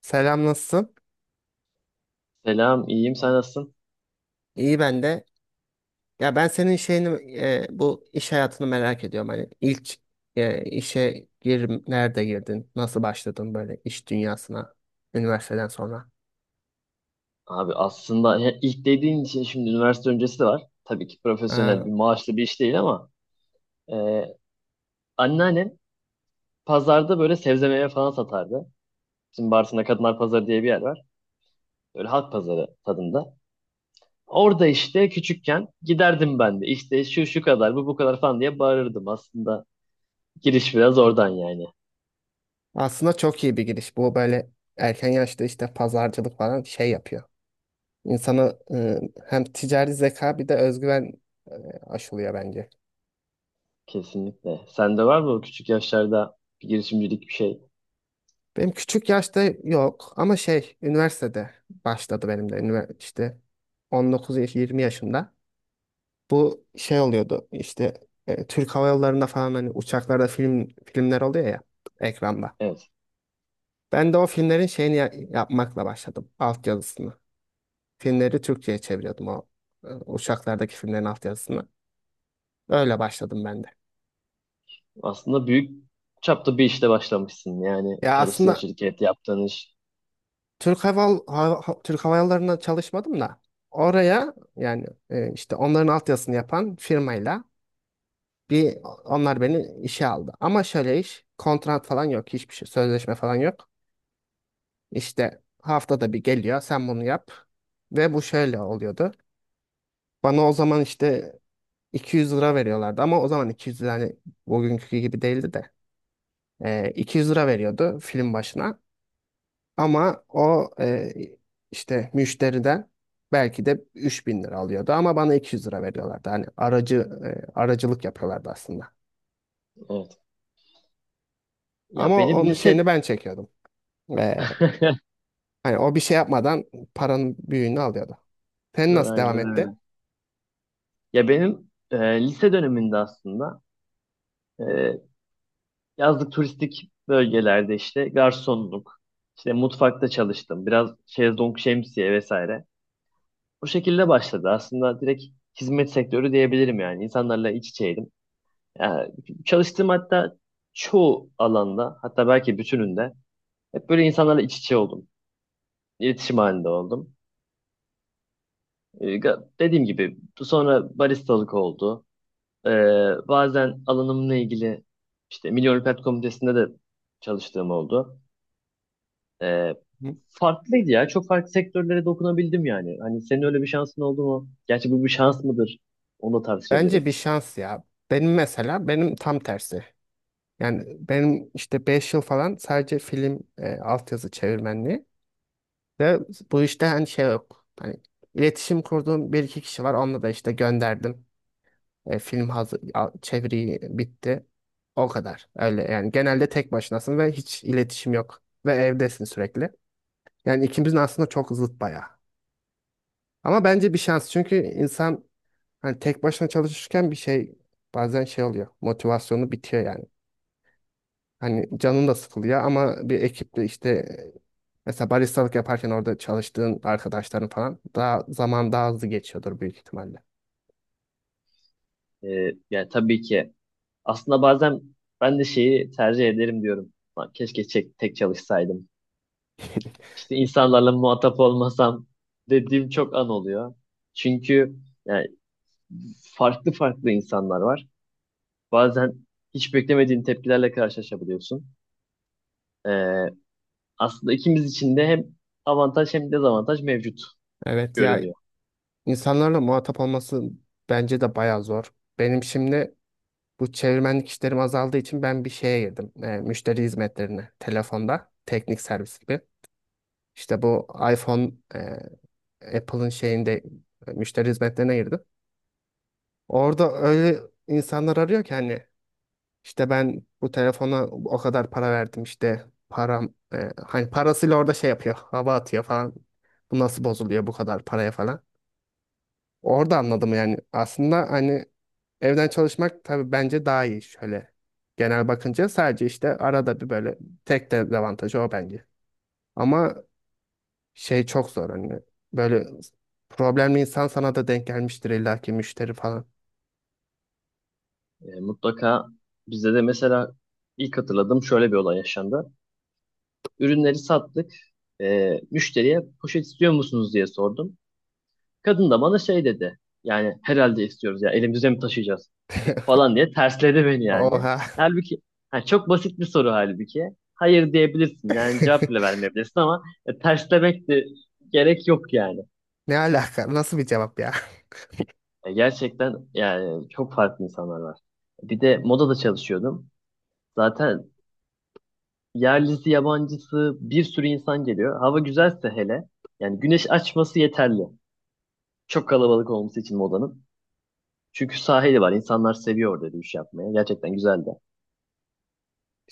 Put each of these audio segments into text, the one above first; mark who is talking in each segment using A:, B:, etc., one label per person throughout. A: Selam, nasılsın?
B: Selam, iyiyim. Sen nasılsın?
A: İyi ben de. Ya ben senin şeyini bu iş hayatını merak ediyorum. Hani ilk nerede girdin? Nasıl başladın böyle iş dünyasına üniversiteden sonra?
B: Abi aslında ya ilk dediğin için şimdi üniversite öncesi de var. Tabii ki profesyonel
A: Aa,
B: bir maaşlı bir iş değil ama e, anneannem pazarda böyle sebze meyve falan satardı. Bizim Bartın'da Kadınlar Pazarı diye bir yer var. Böyle halk pazarı tadında. Orada işte küçükken giderdim ben de. İşte şu şu kadar, bu bu kadar falan diye bağırırdım. Aslında giriş biraz oradan yani.
A: aslında çok iyi bir giriş. Bu böyle erken yaşta işte pazarcılık falan şey yapıyor. İnsanı hem ticari zeka bir de özgüven e, aşılıyor bence.
B: Kesinlikle. Sende var mı o küçük yaşlarda bir girişimcilik bir şey?
A: Benim küçük yaşta yok ama şey üniversitede başladı benim de üniversite işte 19 yaş 20 yaşında. Bu şey oluyordu işte Türk Hava Yolları'nda falan hani uçaklarda filmler oluyor ya ekranda.
B: Evet.
A: Ben de o filmlerin şeyini yapmakla başladım. Altyazısını. Filmleri Türkçe'ye çeviriyordum o uçaklardaki filmlerin altyazısını. Öyle başladım ben de.
B: Aslında büyük çapta bir işte başlamışsın. Yani
A: Ya
B: çalıştığın
A: aslında
B: şirket, yaptığın iş.
A: Türk Hava Yolları'nda çalışmadım da oraya yani işte onların altyazısını yapan firmayla bir onlar beni işe aldı. Ama şöyle iş kontrat falan yok, hiçbir şey sözleşme falan yok. İşte haftada bir geliyor, sen bunu yap ve bu şöyle oluyordu. Bana o zaman işte 200 lira veriyorlardı ama o zaman 200 lira hani bugünkü gibi değildi de. 200 lira veriyordu film başına ama o işte müşteriden belki de 3.000 lira alıyordu ama bana 200 lira veriyorlardı. Hani aracılık yapıyorlardı aslında.
B: Evet. Ya
A: Ama
B: benim
A: onun
B: lise...
A: şeyini ben çekiyordum. Ee, Hani o bir şey yapmadan paranın büyüğünü alıyordu. Sen nasıl devam
B: Aynen
A: etti?
B: öyle. Ya benim lise döneminde aslında e, yazlık turistik bölgelerde işte garsonluk, işte mutfakta çalıştım. Biraz şezlong, şemsiye vesaire. Bu şekilde başladı. Aslında direkt hizmet sektörü diyebilirim yani. İnsanlarla iç içeydim. Ya, çalıştığım hatta çoğu alanda hatta belki bütününde hep böyle insanlarla iç içe oldum. İletişim halinde oldum. Dediğim gibi sonra baristalık oldu. Ee, Bazen alanımla ilgili işte Milli Olimpiyat Komitesi'nde de çalıştığım oldu. Ee,
A: Hı.
B: Farklıydı ya. Çok farklı sektörlere dokunabildim yani. Hani senin öyle bir şansın oldu mu? Gerçi bu bir şans mıdır? Onu da
A: Bence
B: tartışabiliriz.
A: bir şans ya. Benim mesela benim tam tersi. Yani benim işte 5 yıl falan sadece altyazı çevirmenliği. Ve bu işte hani şey yok. Hani iletişim kurduğum bir iki kişi var. Onunla da işte gönderdim. Film hazır, çeviri bitti. O kadar. Öyle yani genelde tek başınasın ve hiç iletişim yok. Ve evdesin sürekli. Yani ikimizin aslında çok zıt bayağı. Ama bence bir şans. Çünkü insan hani tek başına çalışırken bir şey, bazen şey oluyor. Motivasyonu bitiyor yani. Hani canın da sıkılıyor ama bir ekiple işte mesela baristalık yaparken orada çalıştığın arkadaşların falan daha hızlı geçiyordur büyük ihtimalle.
B: Yani tabii ki aslında bazen ben de şeyi tercih ederim diyorum. Lan keşke tek çalışsaydım. İşte insanlarla muhatap olmasam dediğim çok an oluyor. Çünkü yani farklı farklı insanlar var. Bazen hiç beklemediğin tepkilerle karşılaşabiliyorsun. Ee, Aslında ikimiz için de hem avantaj hem dezavantaj mevcut
A: Evet ya,
B: görünüyor.
A: insanlarla muhatap olması bence de bayağı zor. Benim şimdi bu çevirmenlik işlerim azaldığı için ben bir şeye girdim. Müşteri hizmetlerine telefonda teknik servis gibi. İşte bu iPhone e, Apple'ın şeyinde müşteri hizmetlerine girdim. Orada öyle insanlar arıyor ki hani, İşte ben bu telefona o kadar para verdim, işte hani parasıyla orada şey yapıyor, hava atıyor falan. Bu nasıl bozuluyor bu kadar paraya falan. Orada anladım yani aslında hani evden çalışmak tabii bence daha iyi, şöyle genel bakınca sadece işte arada bir böyle, tek dezavantajı o bence. Ama şey çok zor hani, böyle problemli insan sana da denk gelmiştir illaki, müşteri falan.
B: Mutlaka bizde de mesela ilk hatırladığım şöyle bir olay yaşandı. Ürünleri sattık. Müşteriye poşet istiyor musunuz diye sordum. Kadın da bana şey dedi. Yani herhalde istiyoruz ya, elimizde mi taşıyacağız? Falan diye tersledi beni yani.
A: Oha.
B: Halbuki ha, çok basit bir soru halbuki. Hayır diyebilirsin yani, cevap bile vermeyebilirsin ama terslemek de gerek yok yani.
A: Ne alaka, nasıl bir cevap ya?
B: Gerçekten yani çok farklı insanlar var. Bir de modada çalışıyordum. Zaten yerlisi yabancısı bir sürü insan geliyor. Hava güzelse hele, yani güneş açması yeterli. Çok kalabalık olması için modanın. Çünkü sahili var. İnsanlar seviyor orada yürüyüş yapmaya. Gerçekten güzeldi.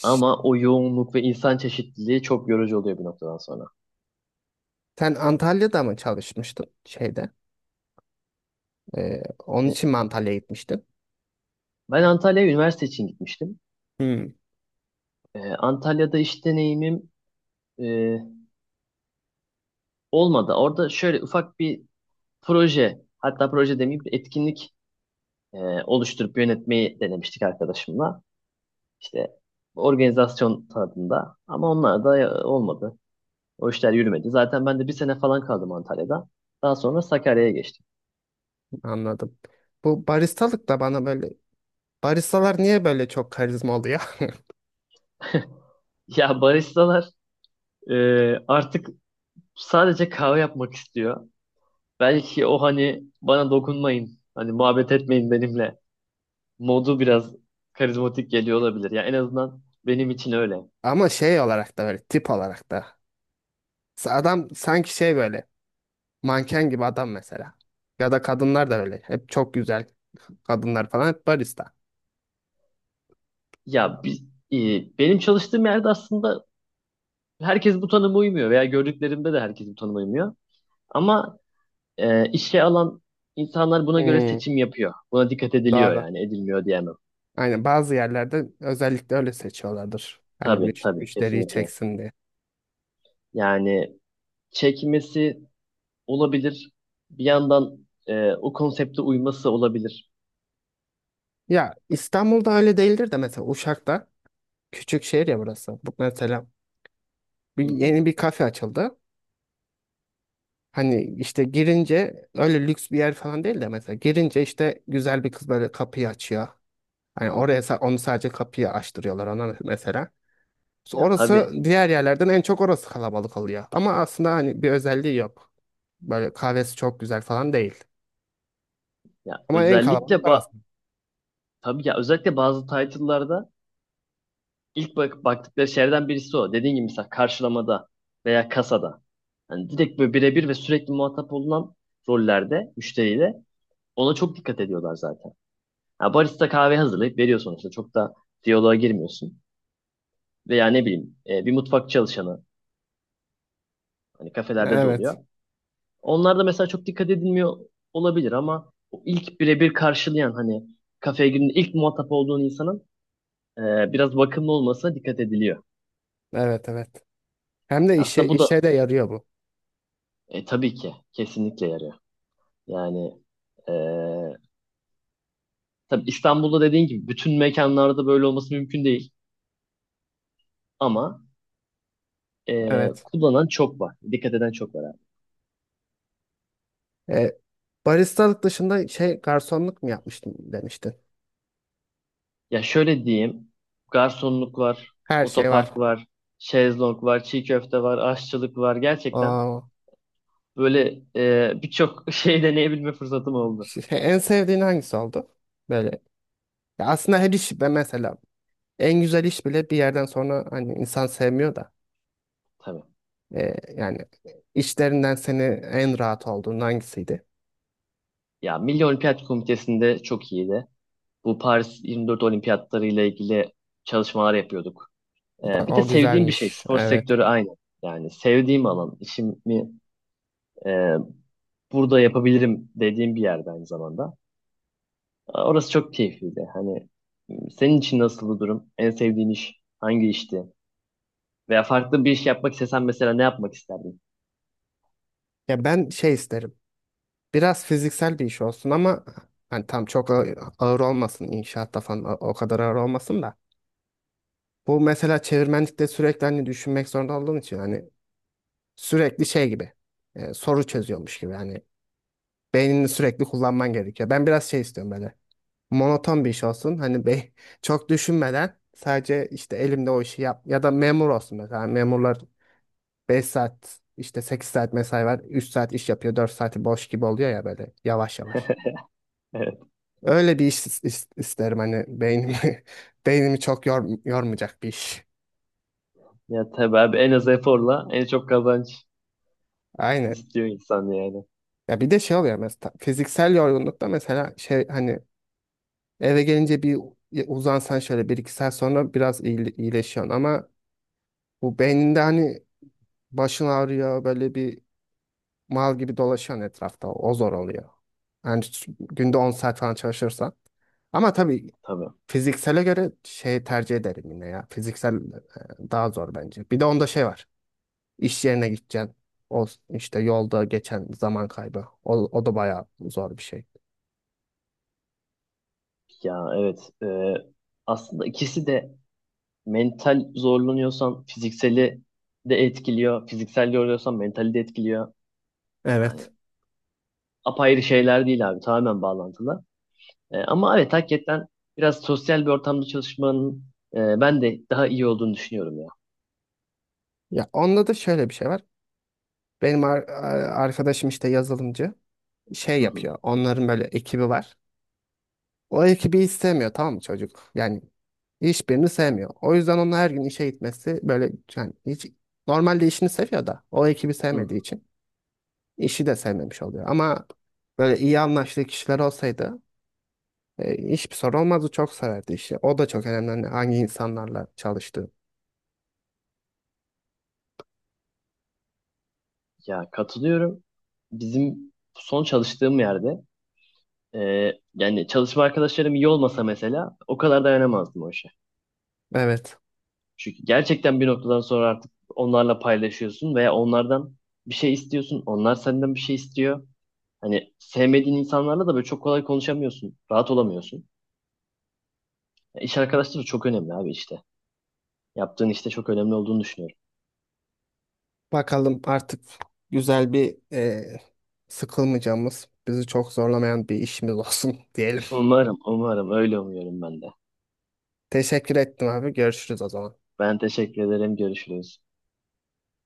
B: Ama o yoğunluk ve insan çeşitliliği çok yorucu oluyor bir noktadan sonra.
A: Sen Antalya'da mı çalışmıştın şeyde? Onun
B: E,
A: için mi Antalya'ya gitmiştin?
B: Ben Antalya'ya üniversite için gitmiştim.
A: Hmm,
B: Antalya'da iş deneyimim e, olmadı. Orada şöyle ufak bir proje, hatta proje demeyeyim bir etkinlik e, oluşturup yönetmeyi denemiştik arkadaşımla. İşte organizasyon tadında ama onlar da olmadı. O işler yürümedi. Zaten ben de bir sene falan kaldım Antalya'da. Daha sonra Sakarya'ya geçtim.
A: anladım. Bu baristalık da bana böyle, baristalar niye böyle çok karizma oluyor?
B: Ya baristalar e, artık sadece kahve yapmak istiyor. Belki o hani bana dokunmayın, hani muhabbet etmeyin benimle modu biraz karizmatik geliyor olabilir. Ya en azından benim için öyle.
A: Ama şey olarak da, böyle tip olarak da. Adam sanki şey böyle manken gibi adam mesela. Ya da kadınlar da öyle. Hep çok güzel kadınlar falan, hep barista.
B: Ya biz, benim çalıştığım yerde aslında herkes bu tanıma uymuyor veya gördüklerimde de herkes bu tanıma uymuyor. Ama işe alan insanlar buna göre
A: Hmm,
B: seçim yapıyor. Buna dikkat ediliyor,
A: doğru.
B: yani edilmiyor diyemem.
A: Aynen, bazı yerlerde özellikle öyle seçiyorlardır. Hani
B: Tabii tabii,
A: müşteriyi
B: kesinlikle.
A: çeksin diye.
B: Yani çekmesi olabilir. Bir yandan o konsepte uyması olabilir.
A: Ya İstanbul'da öyle değildir de mesela Uşak'ta, küçük şehir ya burası. Bu mesela
B: Hı hı,
A: yeni bir kafe açıldı. Hani işte girince öyle lüks bir yer falan değil de, mesela girince işte güzel bir kız böyle kapıyı açıyor.
B: hı
A: Hani
B: hı.
A: oraya onu sadece kapıyı açtırıyorlar ona mesela.
B: Ya
A: Orası
B: tabii.
A: diğer yerlerden en çok orası kalabalık oluyor. Ama aslında hani bir özelliği yok. Böyle kahvesi çok güzel falan değil.
B: Ya
A: Ama en
B: özellikle
A: kalabalık
B: ba
A: orası.
B: tabii ya, özellikle bazı title'larda ilk baktıkları şeylerden birisi o. Dediğin gibi mesela karşılamada veya kasada. Hani direkt böyle birebir ve sürekli muhatap olunan rollerde müşteriyle ona çok dikkat ediyorlar zaten. Ya barista kahve hazırlayıp veriyor sonuçta. Çok da diyaloğa girmiyorsun. Veya ne bileyim bir mutfak çalışanı hani kafelerde de oluyor.
A: Evet.
B: Onlar da mesela çok dikkat edilmiyor olabilir ama o ilk birebir karşılayan, hani kafeye girdiğinde ilk muhatap olduğun insanın biraz bakımlı olmasına dikkat ediliyor.
A: Evet, evet. Hem de işe
B: Aslında bu da
A: işe de yarıyor bu.
B: tabii ki kesinlikle yarıyor. Yani e, tabii İstanbul'da dediğin gibi bütün mekanlarda böyle olması mümkün değil ama
A: Evet.
B: kullanan çok var. Dikkat eden çok var abi.
A: E, baristalık dışında şey garsonluk mu yapmıştım demiştin.
B: Ya şöyle diyeyim, garsonluk var,
A: Her şey var.
B: otopark var, şezlong var, çiğ köfte var, aşçılık var, gerçekten
A: Aa,
B: böyle birçok şey deneyebilme fırsatım oldu.
A: şey, en sevdiğin hangisi oldu? Böyle. Ya aslında her iş be mesela, en güzel iş bile bir yerden sonra hani insan sevmiyor da.
B: Tabii.
A: Yani işlerinden seni en rahat olduğun hangisiydi?
B: Ya Milli Olimpiyat Komitesi'nde çok iyiydi. Bu Paris 24 Olimpiyatları ile ilgili çalışmalar yapıyorduk. E,
A: Bak
B: bir de
A: o
B: sevdiğim bir şey.
A: güzelmiş.
B: Spor
A: Evet.
B: sektörü aynı. Yani sevdiğim alan. İşimi e, burada yapabilirim dediğim bir yerde aynı zamanda. E, orası çok keyifliydi. Hani senin için nasıldı durum? En sevdiğin iş hangi işti? Veya farklı bir iş yapmak istesen mesela ne yapmak isterdin?
A: Ya ben şey isterim. Biraz fiziksel bir iş olsun ama hani tam çok ağır olmasın, inşaatta falan o kadar ağır olmasın da. Bu mesela çevirmenlikte sürekli hani düşünmek zorunda olduğum için hani sürekli şey gibi, soru çözüyormuş gibi, hani beynini sürekli kullanman gerekiyor. Ben biraz şey istiyorum, böyle monoton bir iş olsun hani çok düşünmeden sadece işte elimde o işi yap, ya da memur olsun mesela. Hani, memurlar 5 saat işte 8 saat mesai var, 3 saat iş yapıyor, 4 saati boş gibi oluyor ya, böyle yavaş yavaş.
B: Evet.
A: Öyle bir iş isterim, hani beynimi beynimi çok yormayacak bir iş.
B: Ya tabii abi, en az eforla en çok kazanç.
A: Aynen.
B: İstiyor insan yani.
A: Ya bir de şey oluyor mesela fiziksel yorgunlukta, mesela şey hani eve gelince bir uzansan şöyle bir iki saat sonra biraz iyileşiyorsun ama bu beyninde hani, başın ağrıyor, böyle bir mal gibi dolaşıyorsun etrafta, o zor oluyor. Yani günde 10 saat falan çalışırsan. Ama tabii
B: Tabii.
A: fiziksele göre şey tercih ederim yine ya. Fiziksel daha zor bence. Bir de onda şey var. İş yerine gideceksin. O işte yolda geçen zaman kaybı. O da bayağı zor bir şey.
B: Ya evet. Aslında ikisi de mental zorlanıyorsan fizikseli de etkiliyor. Fiziksel yoruluyorsan mentali de etkiliyor. Yani
A: Evet.
B: apayrı şeyler değil abi. Tamamen bağlantılı. Ama evet hakikaten biraz sosyal bir ortamda çalışmanın ben de daha iyi olduğunu düşünüyorum ya.
A: Ya onda da şöyle bir şey var. Benim arkadaşım işte yazılımcı şey
B: Hı hı,
A: yapıyor. Onların böyle ekibi var. O ekibi hiç sevmiyor, tamam mı çocuk? Yani hiçbirini sevmiyor. O yüzden onun her gün işe gitmesi böyle, yani hiç, normalde işini seviyor da o ekibi
B: hı hı.
A: sevmediği için işi de sevmemiş oluyor. Ama böyle iyi anlaştığı kişiler olsaydı hiçbir sorun olmazdı. Çok severdi işi. O da çok önemli, hani hangi insanlarla çalıştığı.
B: Ya katılıyorum. Bizim son çalıştığım yerde e, yani çalışma arkadaşlarım iyi olmasa mesela o kadar dayanamazdım o işe.
A: Evet.
B: Çünkü gerçekten bir noktadan sonra artık onlarla paylaşıyorsun veya onlardan bir şey istiyorsun. Onlar senden bir şey istiyor. Hani sevmediğin insanlarla da böyle çok kolay konuşamıyorsun. Rahat olamıyorsun. Ya İş arkadaşları çok önemli abi işte. Yaptığın işte çok önemli olduğunu düşünüyorum.
A: Bakalım artık güzel bir, sıkılmayacağımız, bizi çok zorlamayan bir işimiz olsun diyelim.
B: Umarım, umarım öyle umuyorum ben de.
A: Teşekkür ettim abi. Görüşürüz o zaman.
B: Ben teşekkür ederim. Görüşürüz.